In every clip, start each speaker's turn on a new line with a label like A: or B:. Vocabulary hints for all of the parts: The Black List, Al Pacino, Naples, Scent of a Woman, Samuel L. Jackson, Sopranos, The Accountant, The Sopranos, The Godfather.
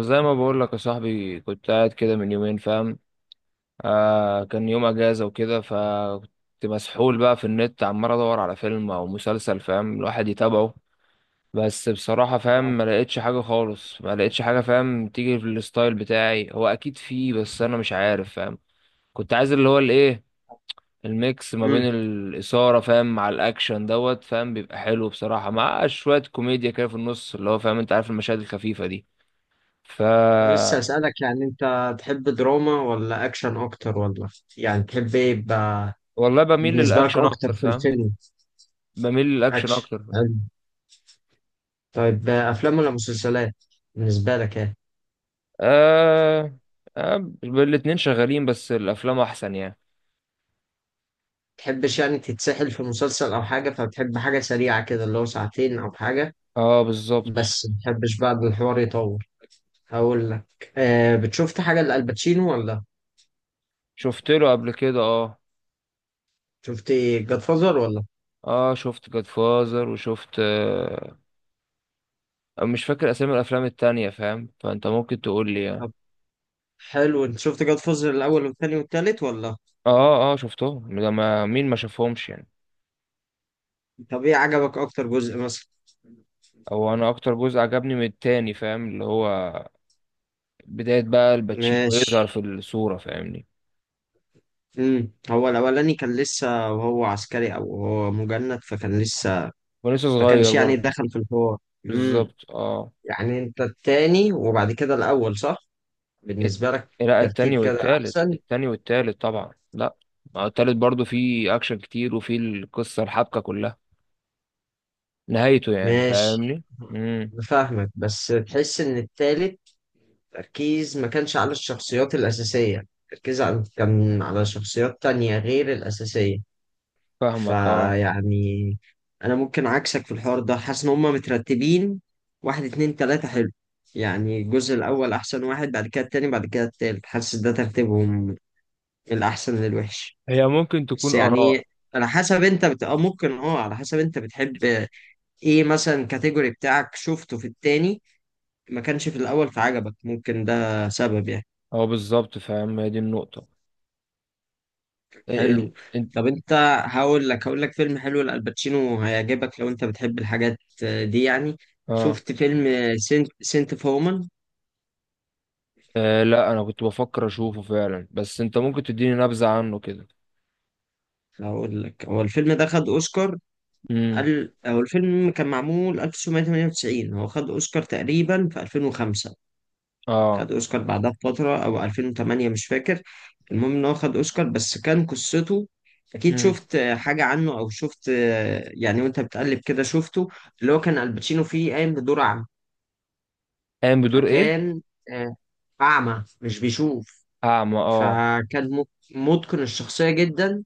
A: زي ما بقول لك يا صاحبي، كنت قاعد كده من يومين، فاهم. آه، كان يوم اجازه وكده، فكنت مسحول بقى في النت عمال ادور على فيلم او مسلسل، فاهم، الواحد يتابعه. بس بصراحه فاهم ما لقيتش حاجه خالص، ما لقيتش حاجه، فاهم، تيجي في الستايل بتاعي. هو اكيد فيه بس انا مش عارف، فاهم. كنت عايز اللي هو الايه، الميكس ما بين
B: امم
A: الاثاره، فاهم، مع الاكشن دوت، فاهم، بيبقى حلو بصراحه، مع شويه كوميديا كده في النص اللي هو فاهم، انت عارف المشاهد الخفيفه دي. ف
B: لسه اسالك، يعني انت تحب دراما ولا اكشن اكتر، ولا يعني تحب ايه يبقى؟
A: والله بميل
B: بالنسبه لك
A: للاكشن
B: اكتر
A: اكتر،
B: في
A: فاهم.
B: الفيلم؟
A: بميل للاكشن
B: اكشن
A: اكتر.
B: حلو. طيب، افلام ولا مسلسلات، بالنسبه لك ايه؟
A: آه... الاتنين شغالين، بس الافلام احسن يعني.
B: تحبش يعني تتسحل في مسلسل او حاجه، فبتحب حاجه سريعه كده، اللي هو ساعتين او حاجه؟
A: اه، بالظبط.
B: بس متحبش بقى إن الحوار يطول؟ هقول لك، بتشوفت حاجه لالباتشينو ولا؟
A: شفت له قبل كده، اه.
B: شفت جاد فازر ولا؟
A: اه شفت جاد فازر، وشفت مش فاكر اسامي الافلام التانية، فاهم، فانت ممكن تقول لي يعني.
B: طب حلو، انت شفت جاد فازر الاول والثاني والثالث، ولا؟
A: اه اه شفتهم، ده ما مين ما شافهمش يعني.
B: طب ايه عجبك اكتر جزء مثلا؟
A: او انا اكتر جزء عجبني من التاني، فاهم، اللي هو بداية بقى الباتشينو
B: ماشي.
A: يظهر في الصورة، فاهمني.
B: هو الاولاني كان لسه وهو عسكري، او هو مجند، فكان لسه
A: ولسه
B: ما
A: صغير
B: كانش يعني
A: برضه.
B: دخل في الحوار. امم.
A: بالظبط اه.
B: يعني انت التاني وبعد كده الاول، صح؟ بالنسبه
A: الت-
B: لك،
A: لا، التاني
B: ترتيب كده
A: والتالت،
B: احسن؟
A: التاني والتالت طبعا. لا، ما هو التالت برضو فيه اكشن كتير، وفيه القصة الحبكة كلها، نهايته يعني
B: ماشي.
A: فاهمني. امم.
B: بفهمك، بس تحس ان التالت تركيز ما كانش على الشخصيات الاساسيه، تركيز على كان على شخصيات تانية غير الاساسيه.
A: فاهمك اه.
B: فيعني، انا ممكن عكسك في الحوار ده، حاسس ان هما مترتبين واحد، اتنين، تلاتة. حلو، يعني الجزء الاول احسن واحد، بعد كده التاني، بعد كده التالت، حاسس ده ترتيبهم من الاحسن للوحش.
A: هي ممكن
B: بس
A: تكون
B: يعني،
A: اراء.
B: على حسب انت بت... آه ممكن، على حسب انت بتحب ايه مثلا، كاتيجوري بتاعك شفته في التاني ما كانش في الاول، فعجبك، ممكن ده سبب يعني.
A: هو بالظبط فاهم، هي دي النقطة. إيه
B: حلو.
A: انت.
B: طب انت، هقول لك فيلم حلو لألباتشينو، هيعجبك لو انت بتحب الحاجات دي يعني.
A: اه.
B: شفت فيلم سنت فومان؟
A: آه، لا انا كنت بفكر اشوفه فعلا، بس انت ممكن تديني نبذة عنه كده.
B: هقول لك، هو الفيلم ده خد اوسكار.
A: امم.
B: هو الفيلم كان معمول 1998، هو خد اوسكار تقريبا في 2005.
A: اه.
B: خد اوسكار بعدها بفتره، او 2008، مش فاكر. المهم ان هو خد اوسكار، بس كان قصته، اكيد
A: امم.
B: شفت حاجه عنه او شفت يعني، وانت بتقلب كده شفته. اللي هو كان الباتشينو فيه قايم بدور،
A: قايم بدور ايه؟
B: فكان آه، أعمى، مش بيشوف.
A: اعمى، اه.
B: فكان متقن الشخصية جدا،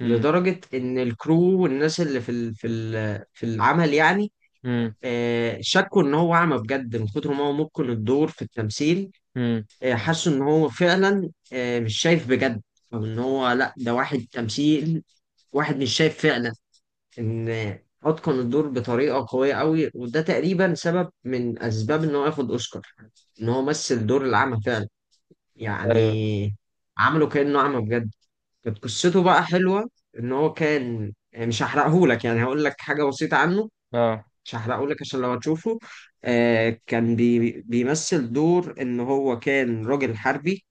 A: امم.
B: لدرجة إن الكرو والناس اللي في العمل، يعني
A: امم.
B: شكوا إن هو أعمى بجد من كتر ما هو متقن الدور في التمثيل.
A: امم.
B: حسوا إن هو فعلا مش شايف بجد، أو إن هو لأ، ده واحد تمثيل، واحد مش شايف فعلا، إن أتقن الدور بطريقة قوية أوي، وده تقريبا سبب من أسباب إن هو ياخد أوسكار، إن هو مثل دور الأعمى فعلا،
A: ايوه.
B: يعني عملوا كأنه أعمى بجد. كانت قصته بقى حلوة، إن هو كان يعني، مش هحرقهولك، يعني هقول لك حاجة بسيطة عنه،
A: اه.
B: مش هحرقهولك عشان لو هتشوفه. كان بيمثل دور إن هو كان راجل حربي،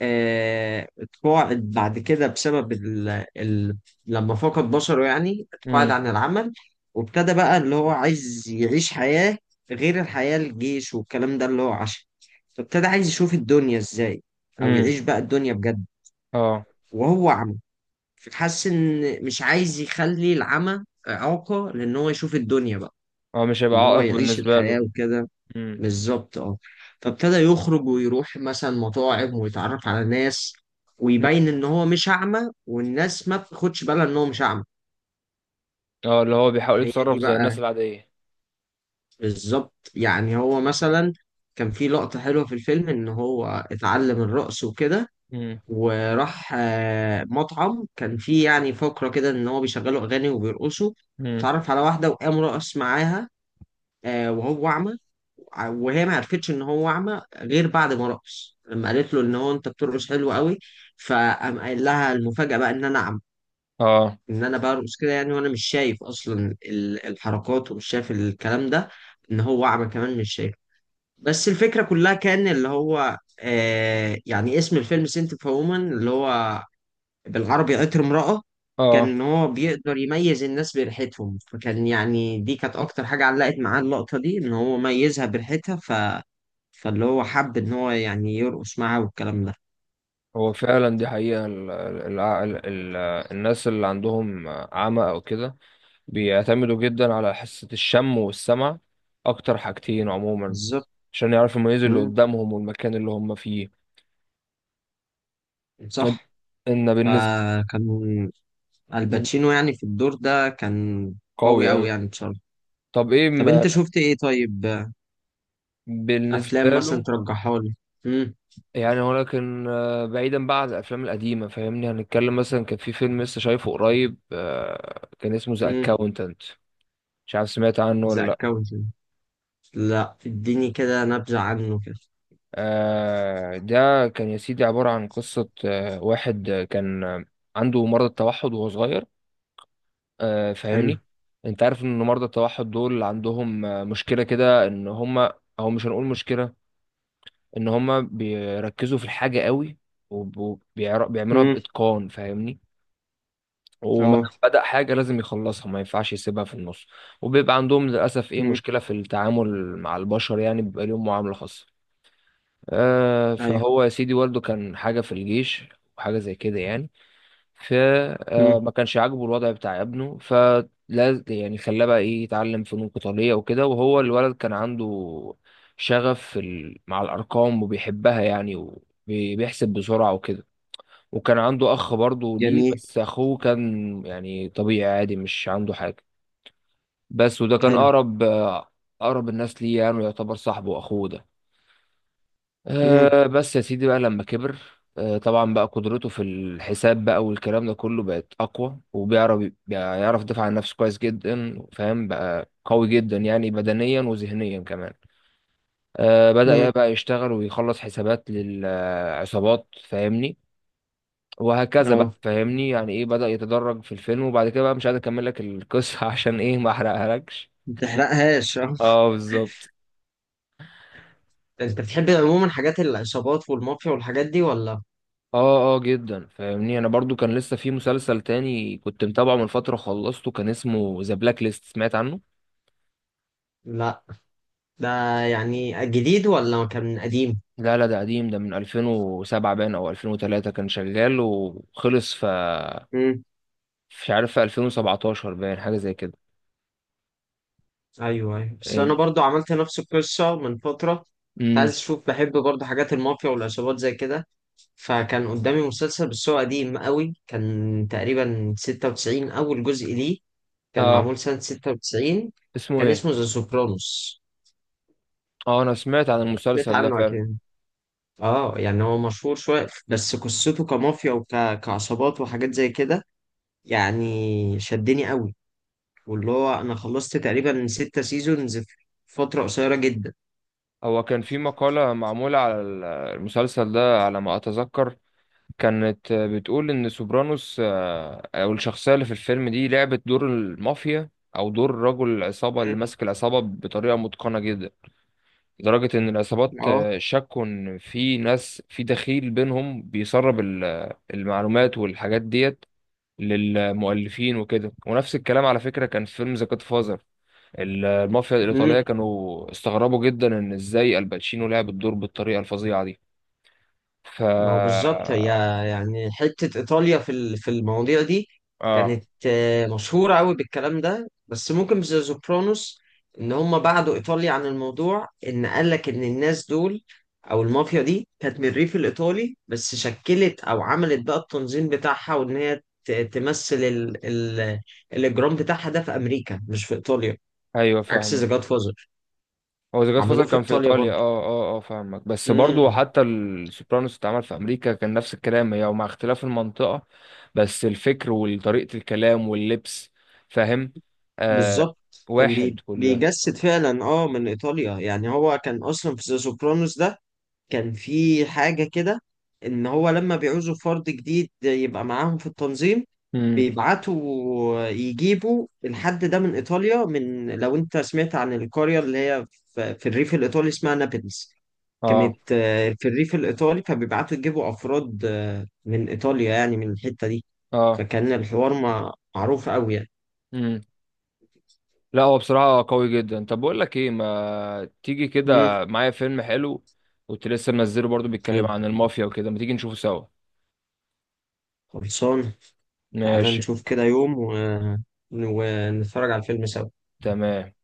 B: اتقاعد بعد كده بسبب ال... لما فقد بصره، يعني اتقاعد
A: امم.
B: عن العمل. وابتدى بقى اللي هو عايز يعيش حياة غير الحياة، الجيش والكلام ده اللي هو عاشها، فابتدى عايز يشوف الدنيا ازاي، او
A: امم.
B: يعيش بقى الدنيا بجد
A: اه
B: وهو عمى. فحس ان مش عايز يخلي العمى إعاقة، لان هو يشوف الدنيا بقى،
A: اه، مش هيبقى
B: ان هو
A: عائق
B: يعيش
A: بالنسبة
B: الحياة
A: له.
B: وكده.
A: مم.
B: بالظبط اه. فابتدى يخرج ويروح مثلا مطاعم ويتعرف على ناس،
A: مم.
B: ويبين ان هو مش اعمى، والناس ما بتاخدش بالها ان هو مش اعمى.
A: اه، اللي هو بيحاول
B: هي
A: يتصرف
B: دي
A: زي الناس
B: بقى
A: العادية.
B: بالظبط، يعني هو مثلا كان في لقطة حلوة في الفيلم، ان هو اتعلم الرقص وكده،
A: مم.
B: وراح مطعم كان فيه يعني فقرة كده، ان هو بيشغلوا اغاني وبيرقصوا،
A: مم.
B: اتعرف على واحدة وقام رقص معاها، وهو اعمى. وهي ما عرفتش ان هو اعمى غير بعد ما رقص، لما قالت له ان هو انت بترقص حلو قوي، فقام قايل لها المفاجأة بقى ان انا اعمى،
A: اه
B: ان انا برقص كده يعني وانا مش شايف اصلا الحركات، ومش شايف الكلام ده، ان هو اعمى كمان مش شايف. بس الفكرة كلها كان اللي هو يعني اسم الفيلم سنت اوف وومن، اللي هو بالعربي عطر امرأة، كان
A: اه.
B: إن هو بيقدر يميز الناس بريحتهم، فكان يعني دي كانت أكتر حاجة علقت معاه، اللقطة دي إن هو ميزها بريحتها، فاللي هو حب إن هو يعني يرقص معاها والكلام ده.
A: هو فعلا دي حقيقة، ال الناس اللي عندهم عمى او كده بيعتمدوا جدا على حاسة الشم والسمع، اكتر حاجتين عموما،
B: بالظبط.
A: عشان يعرفوا يميزوا اللي
B: مم.
A: قدامهم والمكان اللي هم فيه. ان
B: صح.
A: إن بالنسبة.
B: فكان الباتشينو يعني في الدور ده كان
A: قوي
B: قوي أوي
A: اوي.
B: يعني بصراحة.
A: طب ايه
B: طب
A: ما
B: أنت شفت إيه طيب؟
A: بالنسبة
B: أفلام مثلا
A: له،
B: ترجحها لي؟ مم.
A: يعني. ولكن آه، بعيدا بقى عن الافلام القديمه، فاهمني، هنتكلم مثلا كان في فيلم لسه شايفه قريب، آه، كان اسمه ذا
B: مم.
A: اكاونتنت. مش عارف سمعت عنه ولا
B: ذا
A: لا.
B: أكاونت، لا اديني كده نبذة عنه كده.
A: آه، ده كان يا سيدي عباره عن قصه، آه، واحد آه، كان آه، عنده مرض التوحد وهو صغير، آه،
B: حلو.
A: فاهمني. انت عارف ان مرضى التوحد دول عندهم آه، مشكله كده، ان هم، او مش هنقول مشكله، ان هم بيركزوا في الحاجه قوي، وبيعملوها
B: مم.
A: باتقان فاهمني. وما دام
B: اه.
A: بدأ حاجة لازم يخلصها، ما ينفعش يسيبها في النص. وبيبقى عندهم للأسف إيه
B: مم.
A: مشكلة في التعامل مع البشر، يعني بيبقى ليهم معاملة خاصة. آه
B: ايوه.
A: فهو يا سيدي، والده كان حاجة في الجيش وحاجة زي كده يعني،
B: مم.
A: فما كانش عاجبه الوضع بتاع ابنه، فلا يعني خلاه بقى إيه يتعلم فنون قتالية وكده. وهو الولد كان عنده شغف في مع الأرقام وبيحبها يعني، وبيحسب بسرعة وكده. وكان عنده اخ برضه ليه،
B: جميل.
A: بس اخوه كان يعني طبيعي عادي مش عنده حاجه، بس وده كان
B: حلو.
A: اقرب آه، اقرب الناس ليه، يعني يعتبر صاحبه واخوه ده.
B: مم.
A: أه بس يا سيدي بقى لما كبر، أه طبعا بقى قدرته في الحساب بقى والكلام ده كله بقت اقوى، وبيعرف، يدافع عن نفسه كويس جدا، فاهم، بقى قوي جدا يعني، بدنيا وذهنيا كمان. أه بدأ يا
B: مم.
A: بقى يشتغل ويخلص حسابات للعصابات، فاهمني، وهكذا بقى
B: اه،
A: فاهمني. يعني ايه، بدأ يتدرج في الفيلم، وبعد كده بقى مش قادر اكمل لك القصة عشان ايه، ما احرقهالكش.
B: ما تحرقهاش اه.
A: اه بالظبط.
B: انت بتحب عموما حاجات العصابات والمافيا والحاجات دي ولا؟
A: اه اه، جدا فاهمني. انا برضو كان لسه في مسلسل تاني كنت متابعه من فترة خلصته، كان اسمه ذا بلاك ليست، سمعت عنه؟
B: لا. ده يعني جديد ولا كان قديم؟
A: لا لا، ده قديم، ده من 2007 باين او 2003، كان شغال وخلص في،
B: مم.
A: مش عارف، في 2017 باين حاجة زي كده.
B: ايوه، ايوه، بس انا برضو عملت نفس القصه من فتره، كنت
A: امم.
B: عايز اشوف، بحب برضو حاجات المافيا والعصابات زي كده، فكان قدامي مسلسل بس هو قديم قوي، كان تقريبا 96 اول جزء ليه، كان
A: اه.
B: معمول سنه 96.
A: اسمه
B: كان
A: ايه؟
B: اسمه ذا سوبرانوس.
A: اه انا سمعت عن
B: سمعت
A: المسلسل ده
B: عنه
A: فعلا.
B: أكيد. اه، يعني هو مشهور شوية، بس قصته كمافيا وكعصابات وحاجات زي كده يعني، شدني قوي، واللي هو أنا خلصت تقريبا 6 سيزونز في فترة قصيرة جدا.
A: هو كان في مقالة معمولة على المسلسل ده على ما أتذكر، كانت بتقول إن سوبرانوس آه، أو الشخصية اللي في الفيلم دي لعبت دور المافيا، أو دور رجل العصابة اللي
B: مم.
A: ماسك العصابة بطريقة متقنة جدا، لدرجة إن العصابات
B: اه،
A: آه، شكوا إن في ناس، في دخيل بينهم بيسرب المعلومات والحاجات ديت للمؤلفين وكده. ونفس الكلام على فكرة كان في فيلم ذا جاد، المافيا الإيطالية كانوا استغربوا جدا إن إزاي الباتشينو لعب الدور بالطريقة الفظيعة دي. ف
B: ما هو بالظبط، هي يعني حتة إيطاليا في المواضيع دي
A: آه
B: كانت مشهورة أوي بالكلام ده، بس ممكن في ذا سوبرانوس إن هم بعدوا إيطاليا عن الموضوع، إن قالك إن الناس دول، أو المافيا دي كانت من الريف الإيطالي، بس شكلت أو عملت بقى التنظيم بتاعها، وإن هي تمثل ال ال الإجرام بتاعها ده في أمريكا مش في إيطاليا،
A: أيوه
B: عكس
A: فاهمة.
B: ذا جاد فازر،
A: هو ذا جاد فازر
B: عملوه في
A: كان في
B: إيطاليا
A: إيطاليا، آه آه آه فاهمك، بس برضو
B: برضه.
A: حتى السوبرانوس اتعمل في أمريكا، كان نفس الكلام هي ومع اختلاف المنطقة، بس الفكر وطريقة الكلام واللبس، فاهم، آه،
B: بالظبط. كان
A: واحد كل ده.
B: بيجسد فعلا، اه، من ايطاليا، يعني هو كان اصلا في ذا سوبرانوس ده، كان في حاجه كده، ان هو لما بيعوزوا فرد جديد يبقى معاهم في التنظيم،
A: امم.
B: بيبعتوا يجيبوا الحد ده من ايطاليا، من لو انت سمعت عن القريه اللي هي في الريف الايطالي اسمها نابلز،
A: آه
B: كانت في الريف الايطالي، فبيبعتوا يجيبوا افراد من ايطاليا يعني من الحته دي، فكان الحوار معروف قوي يعني.
A: آه، لا هو بصراحة قوي جدا. طب بقول لك ايه، ما تيجي
B: امم.
A: كده معايا فيلم حلو، كنت لسه منزله برضو بيتكلم
B: حلو،
A: عن المافيا وكده، ما تيجي نشوفه سوا.
B: خلصان. تعال
A: ماشي.
B: نشوف كده يوم ونتفرج على الفيلم سوا.
A: تمام.